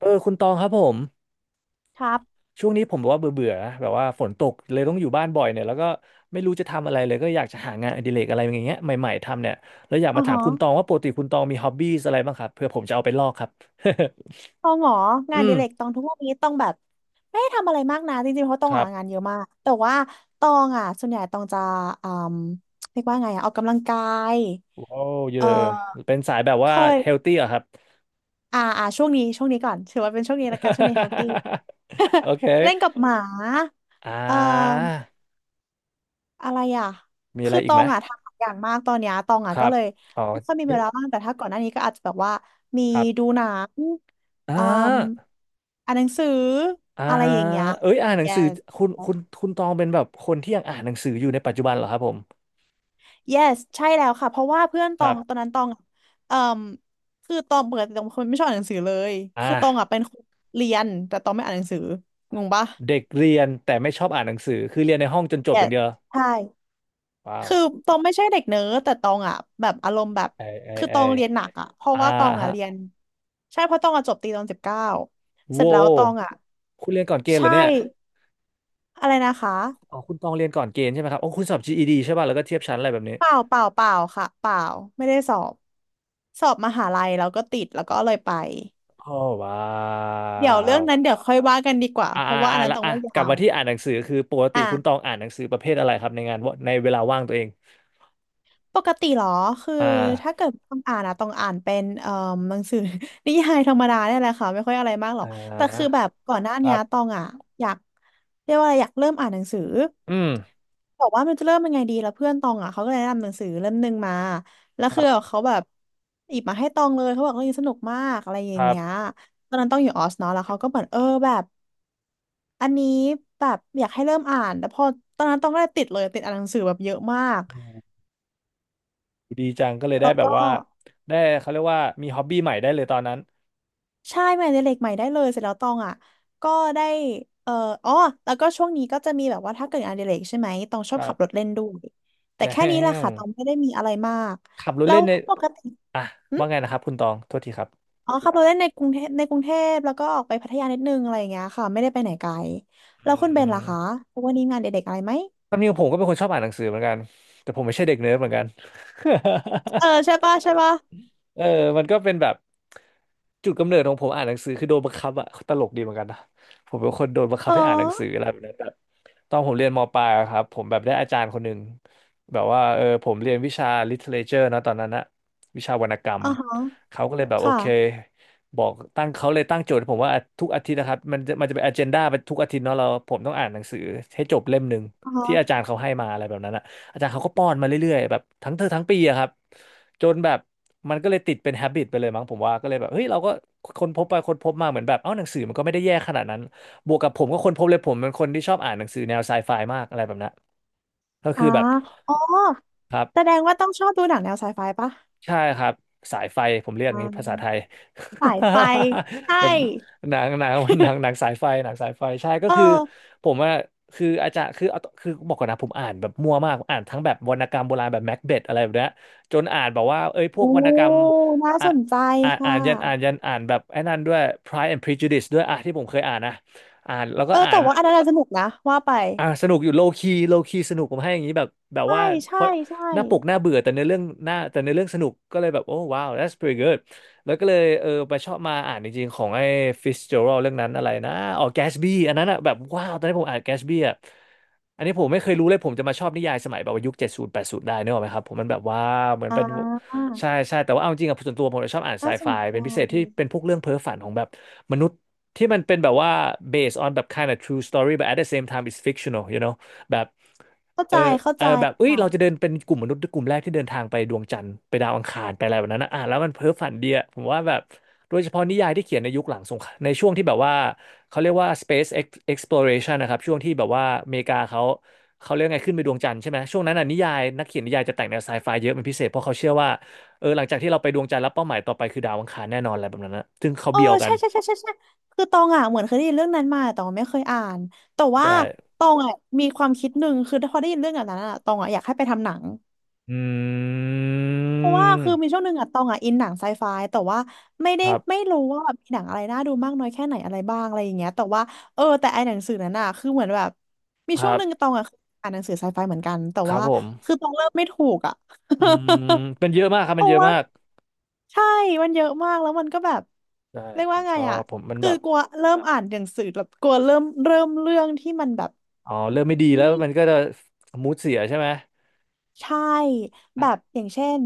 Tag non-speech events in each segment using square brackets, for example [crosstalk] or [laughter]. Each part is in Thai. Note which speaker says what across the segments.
Speaker 1: เออคุณตองครับผม
Speaker 2: ครับ
Speaker 1: ช่วงนี้ผมแบบว่าเบื่อเบื่อแบบว่าฝนตกเลยต้องอยู่บ้านบ่อยเนี่ยแล้วก็ไม่รู้จะทำอะไรเลยก็อยากจะหางานอดิเรกอะไรอย่างเงี้ยใหม่ๆทำเนี่ยแล้วอยาก
Speaker 2: อ๋อ
Speaker 1: มาถาม
Speaker 2: ฮะ
Speaker 1: คุณตองว่าปกติคุณตองมีฮ็อบบี้อะไรบ้างครับเพื่อผมจะเอาไปลอกครับ
Speaker 2: ตองเหรอ
Speaker 1: [laughs]
Speaker 2: งา
Speaker 1: อื
Speaker 2: นอดิ
Speaker 1: ม
Speaker 2: เรกตองทุกวันนี้ ต้องแบบไม่ได้ทำอะไรมากนะจริงๆเพราะตอ
Speaker 1: ค
Speaker 2: ง
Speaker 1: รั
Speaker 2: อ่ะงาน
Speaker 1: บ
Speaker 2: เยอะมากแต่ว่าตองอ่ะส่วนใหญ่ตองจะอืมเรียกว่าไงอ่ะออกกำลังกาย
Speaker 1: ว้าวเย
Speaker 2: เอ
Speaker 1: อะ
Speaker 2: อ
Speaker 1: เป็นสายแบบ
Speaker 2: เค
Speaker 1: ว่าเฮล
Speaker 2: ย
Speaker 1: ตี้เหรอะครับ
Speaker 2: อ่าอ่าช่วงนี้ช่วงนี้ก่อน ถือว่าเป็นช่วงนี้ละกันช่วงนี้เฮลตี้
Speaker 1: [laughs] โอเค
Speaker 2: เล่นกับหมา
Speaker 1: อ่
Speaker 2: เ
Speaker 1: า
Speaker 2: ออ อะไรอ่ะ
Speaker 1: มีอะไร
Speaker 2: คือต
Speaker 1: อีก
Speaker 2: อ
Speaker 1: ไหม
Speaker 2: งอ่ะทำหลายอย่างมากตอนเนี้ยตอง
Speaker 1: ค
Speaker 2: อ่ะ
Speaker 1: รั
Speaker 2: ก็
Speaker 1: บ
Speaker 2: เลย
Speaker 1: อ๋อ
Speaker 2: ไม่ค่อยมี
Speaker 1: เย
Speaker 2: เว
Speaker 1: อะ
Speaker 2: ลาว่างแต่ถ้าก่อนหน้านี้ก็อาจจะแบบว่ามี
Speaker 1: ครั
Speaker 2: ดู
Speaker 1: บ
Speaker 2: หนัง
Speaker 1: อ่
Speaker 2: อืม
Speaker 1: า
Speaker 2: อ่านหนังสือ
Speaker 1: อ่า
Speaker 2: อะไรอย่างเงี้ย
Speaker 1: เอ้ยอ่านหนังสือ
Speaker 2: yes
Speaker 1: คุณตองเป็นแบบคนที่ยังอ่านหนังสืออยู่ในปัจจุบันเหรอครับผม
Speaker 2: yes ใช่แล้วค่ะเพราะว่าเพื่อนต
Speaker 1: ค
Speaker 2: อ
Speaker 1: รั
Speaker 2: งตอน
Speaker 1: บ
Speaker 2: นั้นตองอะเอ่มคือตองเปิดตองเป็นคนไม่ชอบอ่านหนังสือเลย
Speaker 1: อ
Speaker 2: คือตองอ่ะ
Speaker 1: ่า
Speaker 2: เป็นคนเรียนแต่ตองไม่อ่านหนังสืองงปะ
Speaker 1: เด็กเรียนแต่ไม่ชอบอ่านหนังสือคือเรียนในห้องจนจบอย่าง
Speaker 2: yes
Speaker 1: เดียว
Speaker 2: ใช่
Speaker 1: ว้าว
Speaker 2: คือตองไม่ใช่เด็กเนิร์ดแต่ตองอ่ะแบบอารมณ์แบบ
Speaker 1: ไอยเอย
Speaker 2: คือ
Speaker 1: เอ
Speaker 2: ตอง
Speaker 1: ย
Speaker 2: เรียนหนักอ่ะเพราะ
Speaker 1: อ่า
Speaker 2: ว่าตองอ่ะ
Speaker 1: ฮะ
Speaker 2: เรียนใช่เพราะตองอ่ะจบตีตอน19เส
Speaker 1: โว
Speaker 2: ร็จแล้วตองอ่ะ
Speaker 1: คุณเรียนก่อนเกณฑ์เหร
Speaker 2: ใช่
Speaker 1: อเนี่ย
Speaker 2: อะไรนะคะ
Speaker 1: อ๋อคุณตองเรียนก่อนเกณฑ์ใช่ไหมครับโอ้คุณสอบ GED ใช่ป่ะแล้วก็เทียบชั้นอะไรแบบนี้
Speaker 2: เปล่าเปล่าเปล่าค่ะเปล่าไม่ได้สอบสอบมหาลัยแล้วก็ติดแล้วก็เลยไป
Speaker 1: อ๋อว้า
Speaker 2: เดี๋ยวเรื่องนั้น
Speaker 1: ว
Speaker 2: เดี๋ยวค่อยว่ากันดีกว่า
Speaker 1: อ่า
Speaker 2: เพราะว่า
Speaker 1: อ่า
Speaker 2: อั
Speaker 1: อ่า
Speaker 2: นนั้น
Speaker 1: ละ
Speaker 2: ตอง
Speaker 1: อ่ะ
Speaker 2: ว่า
Speaker 1: กลั
Speaker 2: ยา
Speaker 1: บ
Speaker 2: ว
Speaker 1: มาที่อ่านหนังสือคือปกติคุณตอง
Speaker 2: อ่า
Speaker 1: อ่านหนังสือประเภทอะไรครับในงานวในเวลาว่างตัวเอง
Speaker 2: ปกติเหรอ คือ
Speaker 1: อ่
Speaker 2: ถ้า
Speaker 1: า
Speaker 2: เกิดต้องอ่านอะต้องอ่านเป็นหนังสือ [laughs] นิยายธรรมดาเนี่ยแหละค่ะไม่ค่อยอะไรมากหรอ
Speaker 1: อ่า
Speaker 2: กแต่คือแบบก่อนหน้า
Speaker 1: ค
Speaker 2: นี้
Speaker 1: รับ
Speaker 2: ตองอะอยากเรียกว่าอะไรอยากเริ่มอ่านหนังสือ
Speaker 1: อืม
Speaker 2: บอกว่ามันจะเริ่มยังไงดีแล้วเพื่อนตองอ่ะเขาก็เลยแนะนำหนังสือเล่มหนึ่งมาแล้วคือเขาแบบหยิบมาให้ตองเลยเขาบอกเรื่องนี้สนุกมากอะไรอ
Speaker 1: ค
Speaker 2: ย่าง
Speaker 1: รั
Speaker 2: เงี้ย
Speaker 1: บ
Speaker 2: ตอนนั้นต้องอยู่ออสเนาะแล้วเขาก็เหมือนเออแบบอันนี้แบบอยากให้เริ่มอ่านแล้วพอตอนนั้นต้องก็เลยติดเลยติดอ่านหนังสือแบบเยอะมาก
Speaker 1: อืมดีจังก็เลยได้
Speaker 2: แล้ว
Speaker 1: แบบ
Speaker 2: ก็
Speaker 1: ว่าได้เขาเรียกว่ามีฮ็อบบี้ใหม่ได้เลยตอนนั้น
Speaker 2: ใช่งานอดิเรกใหม่ได้เลยเสร็จแล้วตองอ่ะก็ได้เอ่ออ๋อแล้วก็ช่วงนี้ก็จะมีแบบว่าถ้าเกิดงานอดิเรกใช่ไหมตองช
Speaker 1: ค
Speaker 2: อบ
Speaker 1: รั
Speaker 2: ขับรถ
Speaker 1: บ
Speaker 2: เล่นด้วยแต่
Speaker 1: แจ้
Speaker 2: แค่นี้แหละ
Speaker 1: ม
Speaker 2: ค่ะตองไม่ได้มีอะไรมาก
Speaker 1: ขับรถ
Speaker 2: แล้
Speaker 1: เล่
Speaker 2: ว
Speaker 1: นใน
Speaker 2: ปกติ
Speaker 1: อ่ะ
Speaker 2: อืม
Speaker 1: ว่าไงนะครับคุณตองโทษทีครับ
Speaker 2: อ๋อขับรถเล่นในกรุงเทพในกรุงเทพแล้วก็ออกไปพัทยานิดนึงอะไรอย่างเงี้ยค่ะไม่ได้ไปไหนไกล
Speaker 1: อื
Speaker 2: แล้วคุณเบนล่ะคะ
Speaker 1: ม
Speaker 2: วันนี้งานอดิเรกอะไรไหม
Speaker 1: ความจริงผมก็เป็นคนชอบอ่านหนังสือเหมือนกันแต่ผมไม่ใช่เด็กเนิร์ดเหมือนกัน
Speaker 2: เออ
Speaker 1: [laughs]
Speaker 2: ใช่ปะใช่ปะ
Speaker 1: เออมันก็เป็นแบบจุดกำเนิดของผมอ่านหนังสือคือโดนบังคับอะตลกดีเหมือนกันนะผมเป็นคนโดนบัง
Speaker 2: ฮ
Speaker 1: คับให้อ่านหนังสือ
Speaker 2: ะ
Speaker 1: อะไรแบบนั้นแบบตอนผมเรียนมปลายอะครับผมแบบได้อาจารย์คนหนึ่งแบบว่าเออผมเรียนวิชา literature นะตอนนั้นนะวิชาวรรณกรรม
Speaker 2: อ๋อฮะ
Speaker 1: เขาก็เลยแบบ
Speaker 2: ค
Speaker 1: โอเค
Speaker 2: ่ะ
Speaker 1: บอกตั้งเขาเลยตั้งโจทย์ให้ผมว่าทุกอาทิตย์นะครับมันจะเป็นอเจนดาไปทุกอาทิตย์เนาะเราผมต้องอ่านหนังสือให้จบเล่มหนึ่ง
Speaker 2: อ๋อฮ
Speaker 1: ที่อาจา
Speaker 2: ะ
Speaker 1: รย์เขาให้มาอะไรแบบนั้นอะอาจารย์เขาก็ป้อนมาเรื่อยๆแบบทั้งเทอมทั้งปีอะครับ จนแบบมันก็เลยติดเป็น habit ไปเลยมั้งผมว่าก็เลยแบบเฮ้ยเราก็คนพบไปคนพบมาเหมือนแบบเอ้าหนังสือมันก็ไม่ได้แย่ขนาดนั้นบวกกับผมก็คนพบเลยผมเป็นคนที่ชอบอ่านหนังสือแนวไซไฟมากอะไรแบบนั้นก็คื
Speaker 2: อ่า
Speaker 1: อแบบ
Speaker 2: อ๋อ
Speaker 1: ครับ
Speaker 2: แสดงว่าต้องชอบดูหนังแนวไซไฟปะ
Speaker 1: ใช่ครับสายไฟผมเรียก
Speaker 2: อ่า
Speaker 1: งี้ภาษาไทย
Speaker 2: สายไฟใช่
Speaker 1: [laughs] แบบหนัง [laughs] หนังสายไฟหนังสายไฟใช่ก็
Speaker 2: เอ
Speaker 1: คือ
Speaker 2: อ
Speaker 1: ผมว่าคืออาจารย์คือเอาคือบอกก่อนนะผมอ่านแบบมั่วมากอ่านทั้งแบบวรรณกรรมโบราณแบบแม็กเบธอะไรแบบเนี้ยจนอ่านแบบว่าเอ้ยพว
Speaker 2: โอ้
Speaker 1: กวรรณกรรม
Speaker 2: น่า
Speaker 1: อ่ะ
Speaker 2: สนใจ
Speaker 1: อ่านอ่า
Speaker 2: ค่ะ
Speaker 1: นยันอ่านยันอ่านแบบไอ้นั่นด้วย Pride and Prejudice ด้วยอ่ะที่ผมเคยอ่านนะอ่านแล้วก็
Speaker 2: เออ
Speaker 1: อ่า
Speaker 2: แต่
Speaker 1: น
Speaker 2: ว่าอันนั้นน่ะสนุกนะว่าไป
Speaker 1: อ่ะสนุกอยู่โลคีสนุกผมให้อย่างนี้แบบแบบ
Speaker 2: ใช่
Speaker 1: ว่าเพ
Speaker 2: ใช่
Speaker 1: ราะ
Speaker 2: ใช่
Speaker 1: หน้าปกหน้าเบื่อแต่ในอเรื่องหน้าแต่ในอเรื่องสนุกก็เลยแบบโอ้ว้าว that's pretty good แล้วก็เลยเออไปชอบมาอ่านจริงๆของไอ้ Fitzgerald เรื่องนั้นอะไรนะอ๋อ Gatsby อันนั้นอ่ะแบบว้าวตอนนี้ผมอ่าน Gatsby อ่ะอันนี้ผมไม่เคยรู้เลยผมจะมาชอบนิยายสมัยแบบว่ายุคเจ็ดศูนย์แปดศูนย์ได้เนกอะไหมครับผมมันแบบว่าเหมือน
Speaker 2: อ่
Speaker 1: เป็น
Speaker 2: า
Speaker 1: ใช่แต่ว่าเอาจริงๆอ่ะส่วนตัวผมจะชอบอ่านไซ
Speaker 2: น่าส
Speaker 1: ไฟ
Speaker 2: นใ
Speaker 1: เป็นพิเศษที่
Speaker 2: จ
Speaker 1: เป็นพวกเรื่องเพ้อฝันของแบบมนุษย์ ที่มันเป็นแบบว่า based on แบบ kind of true story but at the same time it's fictional you know แบบ
Speaker 2: เข้า
Speaker 1: เอ
Speaker 2: ใจ
Speaker 1: อ
Speaker 2: เข้า
Speaker 1: เอ
Speaker 2: ใจ
Speaker 1: อแบบเอ้ย
Speaker 2: ค่ะ
Speaker 1: เราจะเดินเป็นกลุ่มมนุษย์กลุ่มแรกที่เดินทางไปดวงจันทร์ไปดาวอังคารไปอะไรแบบนั้นนะอ่ะแล้วมันเพ้อฝันเดียผมว่าแบบ โดยเฉพาะนิยายที่เขียนในยุคหลังสงครามในช่วงที่แบบว่าเขาเรียกว่า space exploration นะครับช่วงที่แบบว่าอเมริกาเขาเรียกไงขึ้นไปดวงจันทร์ใช่ไหมช่วงนั้นน่ะนิยายนักเขียนนิยายจะแต่งแนวไซไฟเยอะเป็นพิเศษเพราะเขาเชื่อว่าเออหลังจากที่เราไปดวงจันทร์แล้วเป้าหมายต่อไปคือดาวอังคารแน่นอนอะไรแบบนั้นนะซึ่งเขา
Speaker 2: เออ
Speaker 1: เบียวกั
Speaker 2: ใช่
Speaker 1: น
Speaker 2: ใช่ใช่ใช่ใช่คือตองอ่ะเหมือนเคยได้ยินเรื่องนั้นมาแต่ตองไม่เคยอ่านแต่ว่า
Speaker 1: ใช่
Speaker 2: ตองอ่ะมีความคิดหนึ่งคือพอได้ยินเรื่องแบบนั้นอ่ะตองอ่ะอยากให้ไปทำหนัง
Speaker 1: อื
Speaker 2: เพราะว่าคือมี
Speaker 1: ม
Speaker 2: ช่วงหนึ่งอะตองอะอินหนังไซไฟแต่ว่าไม่
Speaker 1: ค
Speaker 2: ได้
Speaker 1: รั
Speaker 2: ไม่
Speaker 1: บ
Speaker 2: รู้ว่าแบบมีหนังอะไรน่าดูมากน้อยแค่ไหนอะไรบ้างอะไรอย่างเงี้ยแต่ว่าเออแต่ไอหนังสือนั้นอะคือเหมือนแบบมี
Speaker 1: ค
Speaker 2: ช่
Speaker 1: รั
Speaker 2: วงหนึ่งตอ
Speaker 1: บ
Speaker 2: งอะอ่านหนังสือไซไฟเหมือนกันแต่
Speaker 1: ครับ
Speaker 2: ว่า
Speaker 1: ผม
Speaker 2: คือตองเริ่มไม่ถูกอะ [laughs]
Speaker 1: อืมเป็นเยอะมากครับ
Speaker 2: เพ
Speaker 1: มันเย
Speaker 2: ราะ
Speaker 1: อะ
Speaker 2: ว่า
Speaker 1: มาก
Speaker 2: ใช่มันเยอะมากแล้วมันก็แบบ
Speaker 1: ใช่
Speaker 2: เรียก
Speaker 1: ผ
Speaker 2: ว่า
Speaker 1: มช
Speaker 2: ไง
Speaker 1: อ
Speaker 2: อะ
Speaker 1: บผมมัน
Speaker 2: คื
Speaker 1: แบ
Speaker 2: อ
Speaker 1: บ
Speaker 2: กลัวเริ่มอ่านหนังสือแบบกลัวเริ่มเริ่มเรื่องที่มันแบบ
Speaker 1: อ๋อเริ่มไม่ดีแล้ว
Speaker 2: ไม่
Speaker 1: มันก็จะมูดเสียใช่ไหม
Speaker 2: ใช่แบ
Speaker 1: อะ
Speaker 2: บอย่างเช่น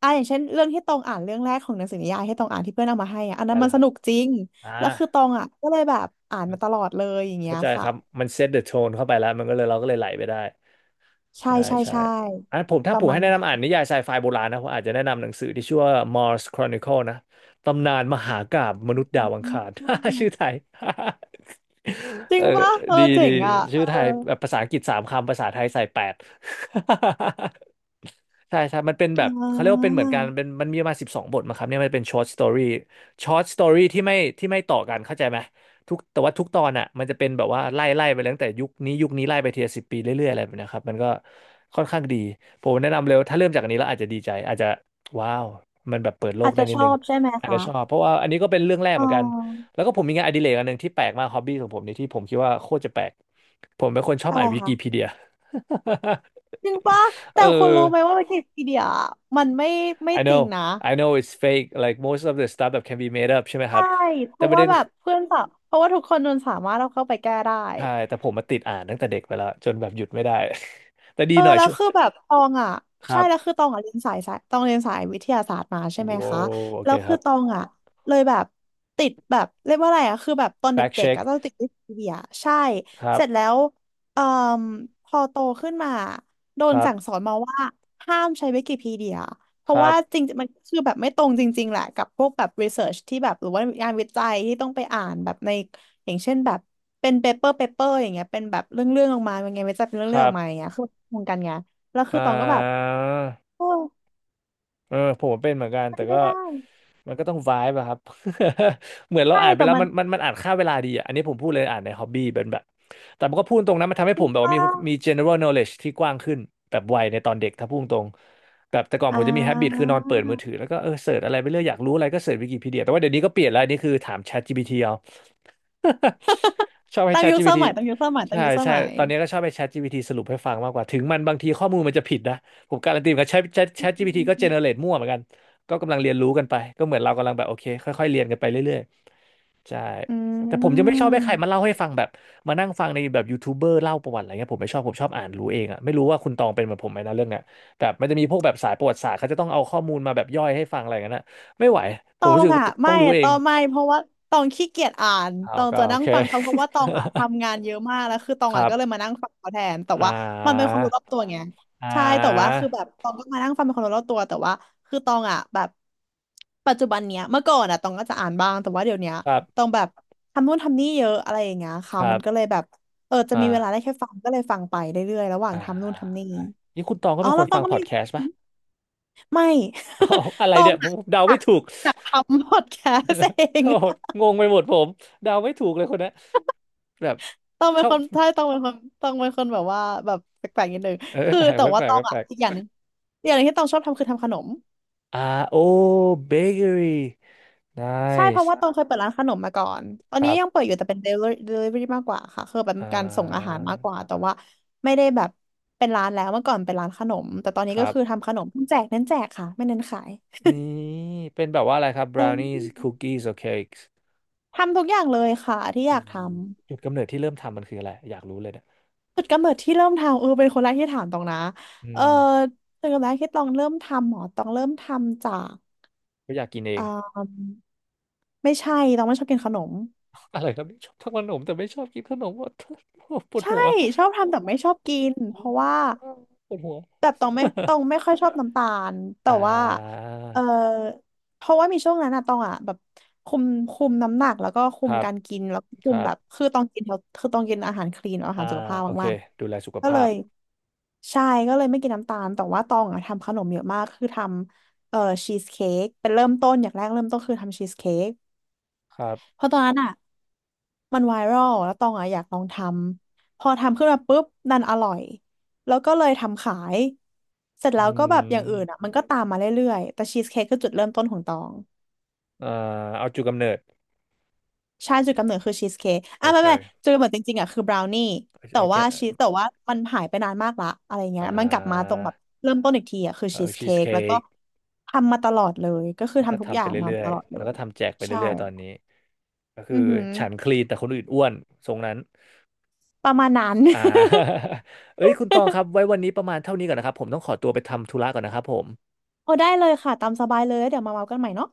Speaker 2: อ่าอย่างเช่นเรื่องที่ตองอ่านเรื่องแรกของหนังสือนิยายที่ตองอ่านที่เพื่อนเอามาให้อะอัน
Speaker 1: ได้
Speaker 2: นั้นมั
Speaker 1: แล้ว
Speaker 2: น
Speaker 1: ค
Speaker 2: ส
Speaker 1: รับ
Speaker 2: นุกจริง
Speaker 1: อ่า
Speaker 2: แล้วคือตองอ่ะก็เลยแบบอ่านมาตลอดเลยอย่างเงี้
Speaker 1: เข้า
Speaker 2: ย
Speaker 1: ใจค
Speaker 2: ค่ะ
Speaker 1: รับมันเซตเดอะโทนเข้าไปแล้วมันก็เลยเราก็เลยไหลไปได้
Speaker 2: ใช่
Speaker 1: ใช่
Speaker 2: ใช่
Speaker 1: ใช่
Speaker 2: ใช่
Speaker 1: ผม
Speaker 2: ป
Speaker 1: ถ้าผ
Speaker 2: ระ
Speaker 1: ม
Speaker 2: มาณ
Speaker 1: ให้แนะ
Speaker 2: นั้
Speaker 1: นำอ่าน
Speaker 2: น
Speaker 1: นิยายไซไฟโบราณนะผมอาจจะแนะนำหนังสือที่ชื่อว่า Mars Chronicle นะ ตำนานมหากาพย์มนุษย์ดา
Speaker 2: อื
Speaker 1: วอังคาร [laughs] ชื่
Speaker 2: ม
Speaker 1: อไทย
Speaker 2: จ
Speaker 1: [laughs]
Speaker 2: ริ
Speaker 1: เอ
Speaker 2: ง
Speaker 1: อ
Speaker 2: ป่ะเอ
Speaker 1: ดี
Speaker 2: อ
Speaker 1: ดี
Speaker 2: เจ๋งอ่ะ
Speaker 1: ชื่อไท
Speaker 2: เอ
Speaker 1: ย
Speaker 2: อ
Speaker 1: แบบภาษาอังกฤษ3 คำภาษาไทยใส่8 [laughs] ใช่ใช่ มันเป็นแบ
Speaker 2: อ่
Speaker 1: บเขาเรียกว่าเป็น
Speaker 2: า
Speaker 1: เหมือนกันเป็นมันมีประมาณ12 บทมาครับเนี่ยมันเป็นช h o ตสตอรี่ที่ไม่ต่อกันเข้าใจไหมทุกแต่ว่าทุกตอนอ่ะมันจะเป็นแบบว่าไล่ไล่ไปตั้งแต่ยุคนี้ยุคนี้ไล่ไปทีละ10 ปีเรื่อยๆอะไรแบบเนะครับมันก็ค่อนข้างดีผมแนะนำเลยว่าถ้าเริ่มจากอันนี้แล้วอาจจะดีใจอาจจะว้าวมันแบบเปิดโล
Speaker 2: อา
Speaker 1: ก
Speaker 2: จ
Speaker 1: ได้
Speaker 2: จะ
Speaker 1: นิ
Speaker 2: ช
Speaker 1: ดนึ
Speaker 2: อ
Speaker 1: ง
Speaker 2: บใช่ไหม
Speaker 1: อาจจะ
Speaker 2: คะ
Speaker 1: ชอบเพราะว่าอันนี้ก็เป็นเรื่องแรก
Speaker 2: อ๋
Speaker 1: เหมือนกัน
Speaker 2: อ
Speaker 1: แล้วก็ผมมีงานอดิเรกอันหนึ่งที่แปลกมากฮอบบี้ของผมนี่ที่ผมคิดว่าโคตรจะแปลกผมเป็นคนชอบ
Speaker 2: อะ
Speaker 1: อ่า
Speaker 2: ไร
Speaker 1: นวิ
Speaker 2: คะ
Speaker 1: กิพี [laughs] เดีย
Speaker 2: จริงป่ะ
Speaker 1: [laughs] เอ
Speaker 2: แต่
Speaker 1: อ
Speaker 2: คนรู้ไหมว่าวิกิพีเดียมันไม่ไม่
Speaker 1: I
Speaker 2: จริง
Speaker 1: know
Speaker 2: นะ
Speaker 1: I know it's fake like most of the stuff that can be made up ใช่ไหมค
Speaker 2: ใช่
Speaker 1: รับ
Speaker 2: เพ
Speaker 1: แต่
Speaker 2: ราะ
Speaker 1: ประ
Speaker 2: ว่า
Speaker 1: เด็น
Speaker 2: แบบ
Speaker 1: คือ
Speaker 2: เพื่อนสาวเพราะว่าทุกคนมันสามารถเอาเข้าไปแก้ได้
Speaker 1: [laughs] ใช่แต่ผมมาติดอ่านตั้งแต่เด็กไปแล้วจนแบบหยุดไม่ได้ [laughs] แต่ดี
Speaker 2: เออ
Speaker 1: หน่อย
Speaker 2: แล้
Speaker 1: ช่
Speaker 2: ว
Speaker 1: วย
Speaker 2: คือแบบตองอ่ะ
Speaker 1: ค
Speaker 2: ใช่
Speaker 1: รับ
Speaker 2: แล้วคือตองอ่ะเรียนสายสายตองเรียนสายวิทยาศาสตร์มาใช่ไหม
Speaker 1: ว้า
Speaker 2: คะ
Speaker 1: วโอ
Speaker 2: แล้
Speaker 1: เค
Speaker 2: ว
Speaker 1: ค
Speaker 2: คื
Speaker 1: รั
Speaker 2: อ
Speaker 1: บ
Speaker 2: ตองอ่ะเลยแบบติดแบบเรียกว่าอะไรอ่ะคือแบบตอนเด
Speaker 1: back
Speaker 2: ็กๆอ่ะ
Speaker 1: check
Speaker 2: ต้องติดวิทย์เบียร์ใช่
Speaker 1: ครั
Speaker 2: เสร็จแล้
Speaker 1: บ
Speaker 2: วเอ่อพอโตขึ้นมาโด
Speaker 1: ค
Speaker 2: น
Speaker 1: รับ
Speaker 2: สั่งสอนมาว่าห้ามใช้วิกิพีเดีย เพ
Speaker 1: ค
Speaker 2: ราะ
Speaker 1: รั
Speaker 2: ว่า
Speaker 1: บ
Speaker 2: จริงๆมันก็คือแบบไม่ตรงจริงๆแหละกับพวกแบบรีเสิร์ชที่แบบหรือว่างานวิจัยที่ต้องไปอ่านแบบในอย่างเช่นแบบเป็นเปเปอร์อย่างเงี้ยเป็นแบบเรื่องออกมาเป็นไงานวิจัยเป็นเรื่อ
Speaker 1: ค
Speaker 2: งเรื่อง
Speaker 1: รั
Speaker 2: ออ
Speaker 1: บ
Speaker 2: กมาอย่างเงี้ยคือตรงกันไงแล้วคื
Speaker 1: อ่
Speaker 2: อตองก็แบบ
Speaker 1: า
Speaker 2: โอ้ย
Speaker 1: เออผมเป็นเหมือนกัน
Speaker 2: มั
Speaker 1: แต่
Speaker 2: น
Speaker 1: ก็
Speaker 2: ไม่ได้
Speaker 1: มันก็ต้องไวบ์อะครับ [laughs] เหมือนเรา
Speaker 2: ใช่
Speaker 1: อ่านไป
Speaker 2: แต่
Speaker 1: แล้ว
Speaker 2: มัน
Speaker 1: มันอ่านค่าเวลาดีอะอันนี้ผมพูดเลยอ่านในฮอบบี้เป็นแบบ แต่มันก็พูดตรงนะมันทำให้
Speaker 2: จริ
Speaker 1: ผ
Speaker 2: ง
Speaker 1: มแบบว่า
Speaker 2: ป่ะ
Speaker 1: มีgeneral knowledge ที่กว้างขึ้นแบบวัยในตอนเด็กถ้าพูดตรงแบบแต่ก่อน
Speaker 2: อ่
Speaker 1: ผมจะมี habit คื
Speaker 2: า
Speaker 1: อนอนเปิดมือถือแล้วก็เสิร์ชอะไรไปเรื่อยอยากรู้อะไรก็เสิร์ชวิกิพีเดียแต่ว่าเดี๋ยวนี้ก็เปลี่ยนแล้วอันนี้คือถาม ChatGPT เอา [laughs] ชอบให้
Speaker 2: ตามยุคส
Speaker 1: ChatGPT
Speaker 2: มัยตามยุคสมัยตาม
Speaker 1: ใช่
Speaker 2: ยุคส
Speaker 1: ใช่
Speaker 2: มัย
Speaker 1: ตอนนี้ก็ชอบให้ ChatGPT สรุปให้ฟังมากกว่า ถึงมันบางทีข้อมูลมันจะผิดนะ ผมการันตีเหมือนกับแชท ChatGPT ก็เจเนเรตมั่วเหมือนกัน ก็กำลังเรียนรู้กันไป ก็เหมือนเรากำลังแบบโอเคค่อยๆเรียนกันไปเรื่อยๆ ใช่
Speaker 2: อื
Speaker 1: แต่ผมยังไม่ชอบให้ใครมา
Speaker 2: ม
Speaker 1: เล่าให้ฟังแบบมานั่งฟังในแบบยูทูบเบอร์เล่าประวัติอะไรเงี้ยผมไม่ชอบผมชอบอ่านรู้เองอะไม่รู้ว่าคุณตองเป็นเหมือนผมไหมนะเรื่องเนี้ยแบบมันจะมีพวกแบบสายประวัติศาสตร์เขาจะต้องเอาข้อมูลมาแบบย่อยให้ฟังอะไรกันนะไม่ไหว
Speaker 2: ต
Speaker 1: ผม
Speaker 2: อ
Speaker 1: รู้
Speaker 2: ง
Speaker 1: สึก
Speaker 2: อ่ะ
Speaker 1: ต้
Speaker 2: ไม่
Speaker 1: องรู้เอ
Speaker 2: ต
Speaker 1: ง
Speaker 2: องไม่เพราะว่าตองขี้เกียจอ่าน
Speaker 1: อ้า
Speaker 2: ต
Speaker 1: ว
Speaker 2: อง
Speaker 1: ก็
Speaker 2: จะ
Speaker 1: โอ
Speaker 2: นั่ง
Speaker 1: เค
Speaker 2: ฟังเขาเพราะว่าตองอ่ะทำงานเยอะมากแล้วคือตอง
Speaker 1: ค
Speaker 2: อ่ะ
Speaker 1: รั
Speaker 2: ก็เลย
Speaker 1: บ
Speaker 2: มานั่งฟังเขาแทนแต่
Speaker 1: อ่
Speaker 2: ว่ามันเป็นค
Speaker 1: า
Speaker 2: วามรู้รอบตัวไง
Speaker 1: อ่
Speaker 2: ใช่แต่ว่า
Speaker 1: า
Speaker 2: คือแบบตองก็มานั่งฟังเป็นความรู้รอบตัวแต่ว่าคือตองอ่ะแบบปัจจุบันเนี้ยเมื่อก่อนอ่ะตองก็จะอ่านบ้างแต่ว่าเดี๋ยวเนี้ย
Speaker 1: ครั
Speaker 2: ตอ
Speaker 1: บ
Speaker 2: งแบบทำนู่นทำนี่เยอะอะไรอย่างเงี้ย
Speaker 1: ค
Speaker 2: ค่ะ
Speaker 1: รั
Speaker 2: มันก็
Speaker 1: บ
Speaker 2: เลยแบบเออจะมีเวลาได้
Speaker 1: อ่า
Speaker 2: แค่ฟังก็เลยฟังไปเรื่อยๆระหว่าง
Speaker 1: อ่า
Speaker 2: ทำนู่นทำนี่
Speaker 1: นี่คุณตองก็
Speaker 2: อ๋อ
Speaker 1: เป็นค
Speaker 2: แล้ว
Speaker 1: น
Speaker 2: ตอ
Speaker 1: ฟั
Speaker 2: ง
Speaker 1: ง
Speaker 2: ก็
Speaker 1: พอ
Speaker 2: มี
Speaker 1: ดแคสต์ป่ะ
Speaker 2: ไม่
Speaker 1: เอาอะไร
Speaker 2: [laughs] ตอ
Speaker 1: เนี่
Speaker 2: ง
Speaker 1: ยผมเดา
Speaker 2: อะ
Speaker 1: ไม่ถูก
Speaker 2: อยากอยากทำพอดแคสต์
Speaker 1: [laughs]
Speaker 2: เอง
Speaker 1: โอ้โหงงไปหมดผมเดาไม่ถูกเลยคนเนี้ยแบบ
Speaker 2: [laughs] ต้องเป็
Speaker 1: ช
Speaker 2: น
Speaker 1: อ
Speaker 2: ค
Speaker 1: บ
Speaker 2: นใช่ต้องเป็นคนต้องเป็นคนแบบว่าแบบแปลกๆนิดนึง
Speaker 1: เออ
Speaker 2: คือ
Speaker 1: แปลก
Speaker 2: แต่
Speaker 1: แปลก
Speaker 2: ว่า
Speaker 1: แปล
Speaker 2: ต
Speaker 1: ก
Speaker 2: อง
Speaker 1: แป
Speaker 2: อ่ะ
Speaker 1: ลก
Speaker 2: อีกอย่างหนึงอีกอย่างหนึงที่ตองชอบทำคือทำขนม
Speaker 1: อ่าโอ้เบเกอรี่
Speaker 2: ใช่เพ
Speaker 1: nice
Speaker 2: ราะว่าตองเคยเปิดร้านขนมมาก่อน ตอน
Speaker 1: ค
Speaker 2: นี้
Speaker 1: รั
Speaker 2: ยัง
Speaker 1: บ
Speaker 2: เปิดอยู่แต่เป็น delivery มากกว่าค่ะคือเป็น
Speaker 1: อ่
Speaker 2: การส่งอาหา
Speaker 1: า
Speaker 2: รมากกว่า แต่ว่าไม่ได้แบบเป็นร้านแล้วเมื่อก่อนเป็นร้านขนม แต่ตอน
Speaker 1: ค
Speaker 2: นี้ก็
Speaker 1: รับ
Speaker 2: คือทำขนมแจกเน้นแจกค่ะไม่เน้นขาย
Speaker 1: นี่เป็นแบบว่าอะไรครับ
Speaker 2: เอ
Speaker 1: brownies
Speaker 2: อ
Speaker 1: cookies or cakes
Speaker 2: ทำทุกอย่างเลยค่ะที่อ
Speaker 1: อื
Speaker 2: ยาก
Speaker 1: ม
Speaker 2: ทำ
Speaker 1: จุดกำเนิดที่เริ่มทำมันคืออะไรอยากรู้เลยเนี่ย
Speaker 2: จุดกำเนิดที่เริ่มทำเออเป็นคนแรกที่ถามตองนะ
Speaker 1: อื
Speaker 2: เออ
Speaker 1: ม
Speaker 2: จุดกำเนิดที่ตองเริ่มทำหมอตองเริ่มทำจาก
Speaker 1: ก็อยากกินเอ
Speaker 2: อ่
Speaker 1: ง
Speaker 2: าไม่ใช่ตองไม่ชอบกินขนม
Speaker 1: อะไรครับนี่ชอบทำขนมแต่ไม่ชอบกินขนม [laughs] ว่าปวด
Speaker 2: ใช่
Speaker 1: หัว
Speaker 2: ชอบทำแต่ไม่ชอบกินเพราะว่า
Speaker 1: [laughs] ปวดหัว
Speaker 2: แบบตอง
Speaker 1: [laughs] ป
Speaker 2: ไม่
Speaker 1: วดหั
Speaker 2: ตอง
Speaker 1: ว
Speaker 2: ไม่ค่อยชอบน้ำตาลแต่
Speaker 1: อ่
Speaker 2: ว่า
Speaker 1: า
Speaker 2: เออเพราะว่ามีช่วงนั้นอะตองอะแบบคุมคุมน้ำหนักแล้วก็คุ
Speaker 1: ค
Speaker 2: ม
Speaker 1: รับ
Speaker 2: การกินแล้วก็คุ
Speaker 1: ค
Speaker 2: ม
Speaker 1: รั
Speaker 2: แบ
Speaker 1: บ
Speaker 2: บคือตองกินแล้วคือตองกินอาหารคลีนอา
Speaker 1: อ่า
Speaker 2: หารสุขภาพ
Speaker 1: โอเค
Speaker 2: มาก
Speaker 1: ดูแลสุข
Speaker 2: ๆก็เล
Speaker 1: ภาพ
Speaker 2: ยใช่ก็เลยไม่กินน้ำตาลแต่ว่าตองอะทำขนมเยอะมากคือทำชีสเค้กเป็นเริ่มต้นอย่างแรกเริ่มต้นคือทำชีสเค้ก
Speaker 1: ครับ
Speaker 2: เพราะตอนนั้นอะ มันไวรัลแล้วตองอะอยากลองทำพอทำขึ้นมาปุ๊บดันอร่อยแล้วก็เลยทำขายเสร็จ
Speaker 1: อื
Speaker 2: แล้วก็แบบอย่างอื่น
Speaker 1: ม
Speaker 2: อะมันก็ตามมาเรื่อยๆแต่ชีสเค้กคือจุดเริ่มต้นของตอง
Speaker 1: อ่าเอาจุดกำเนิด
Speaker 2: ใช่จุดกำเนิดคือชีสเค้ก
Speaker 1: โอ
Speaker 2: อ่ะไม่
Speaker 1: เค
Speaker 2: ไม่จุดกำเนิดจริงๆอะคือบราวนี่แต่
Speaker 1: I
Speaker 2: ว่า
Speaker 1: get
Speaker 2: ชีสแต่ว่ามันหายไปนานมากละอะไรเงี้
Speaker 1: อ่
Speaker 2: ยมันกลับมาตร
Speaker 1: า
Speaker 2: งแบบเริ่มต้นอีกทีอะคือ
Speaker 1: เอ
Speaker 2: ชี
Speaker 1: อ
Speaker 2: ส
Speaker 1: ชี
Speaker 2: เค้
Speaker 1: ส
Speaker 2: ก
Speaker 1: เค้
Speaker 2: แล้วก็
Speaker 1: ก
Speaker 2: ทำมาตลอดเลยก็คือ
Speaker 1: แล้วก็
Speaker 2: ทำทุกอ
Speaker 1: ทำไป
Speaker 2: ย่างมา
Speaker 1: เรื่อ
Speaker 2: ต
Speaker 1: ย
Speaker 2: ลอด
Speaker 1: ๆ
Speaker 2: เล
Speaker 1: แล้วก็
Speaker 2: ย
Speaker 1: ทำแจกไป
Speaker 2: ใช่
Speaker 1: เรื่อยๆตอนนี้ก็
Speaker 2: อื
Speaker 1: คือ
Speaker 2: อหือ
Speaker 1: ฉันคลีนแต่คนอื่นอ้วนทรงนั้น
Speaker 2: ประมาณนั้น
Speaker 1: อ่
Speaker 2: [laughs]
Speaker 1: า [laughs] เอ้ยคุณตองครับไว้วันนี้ประมาณเท่านี้ก่อนนะครับผมต้องขอตัวไปทำธุระก่อนนะครับผม
Speaker 2: โอ้ได้เลยค่ะตามสบายเลยแล้วเดี๋ยวมาเมากันใหม่เนาะ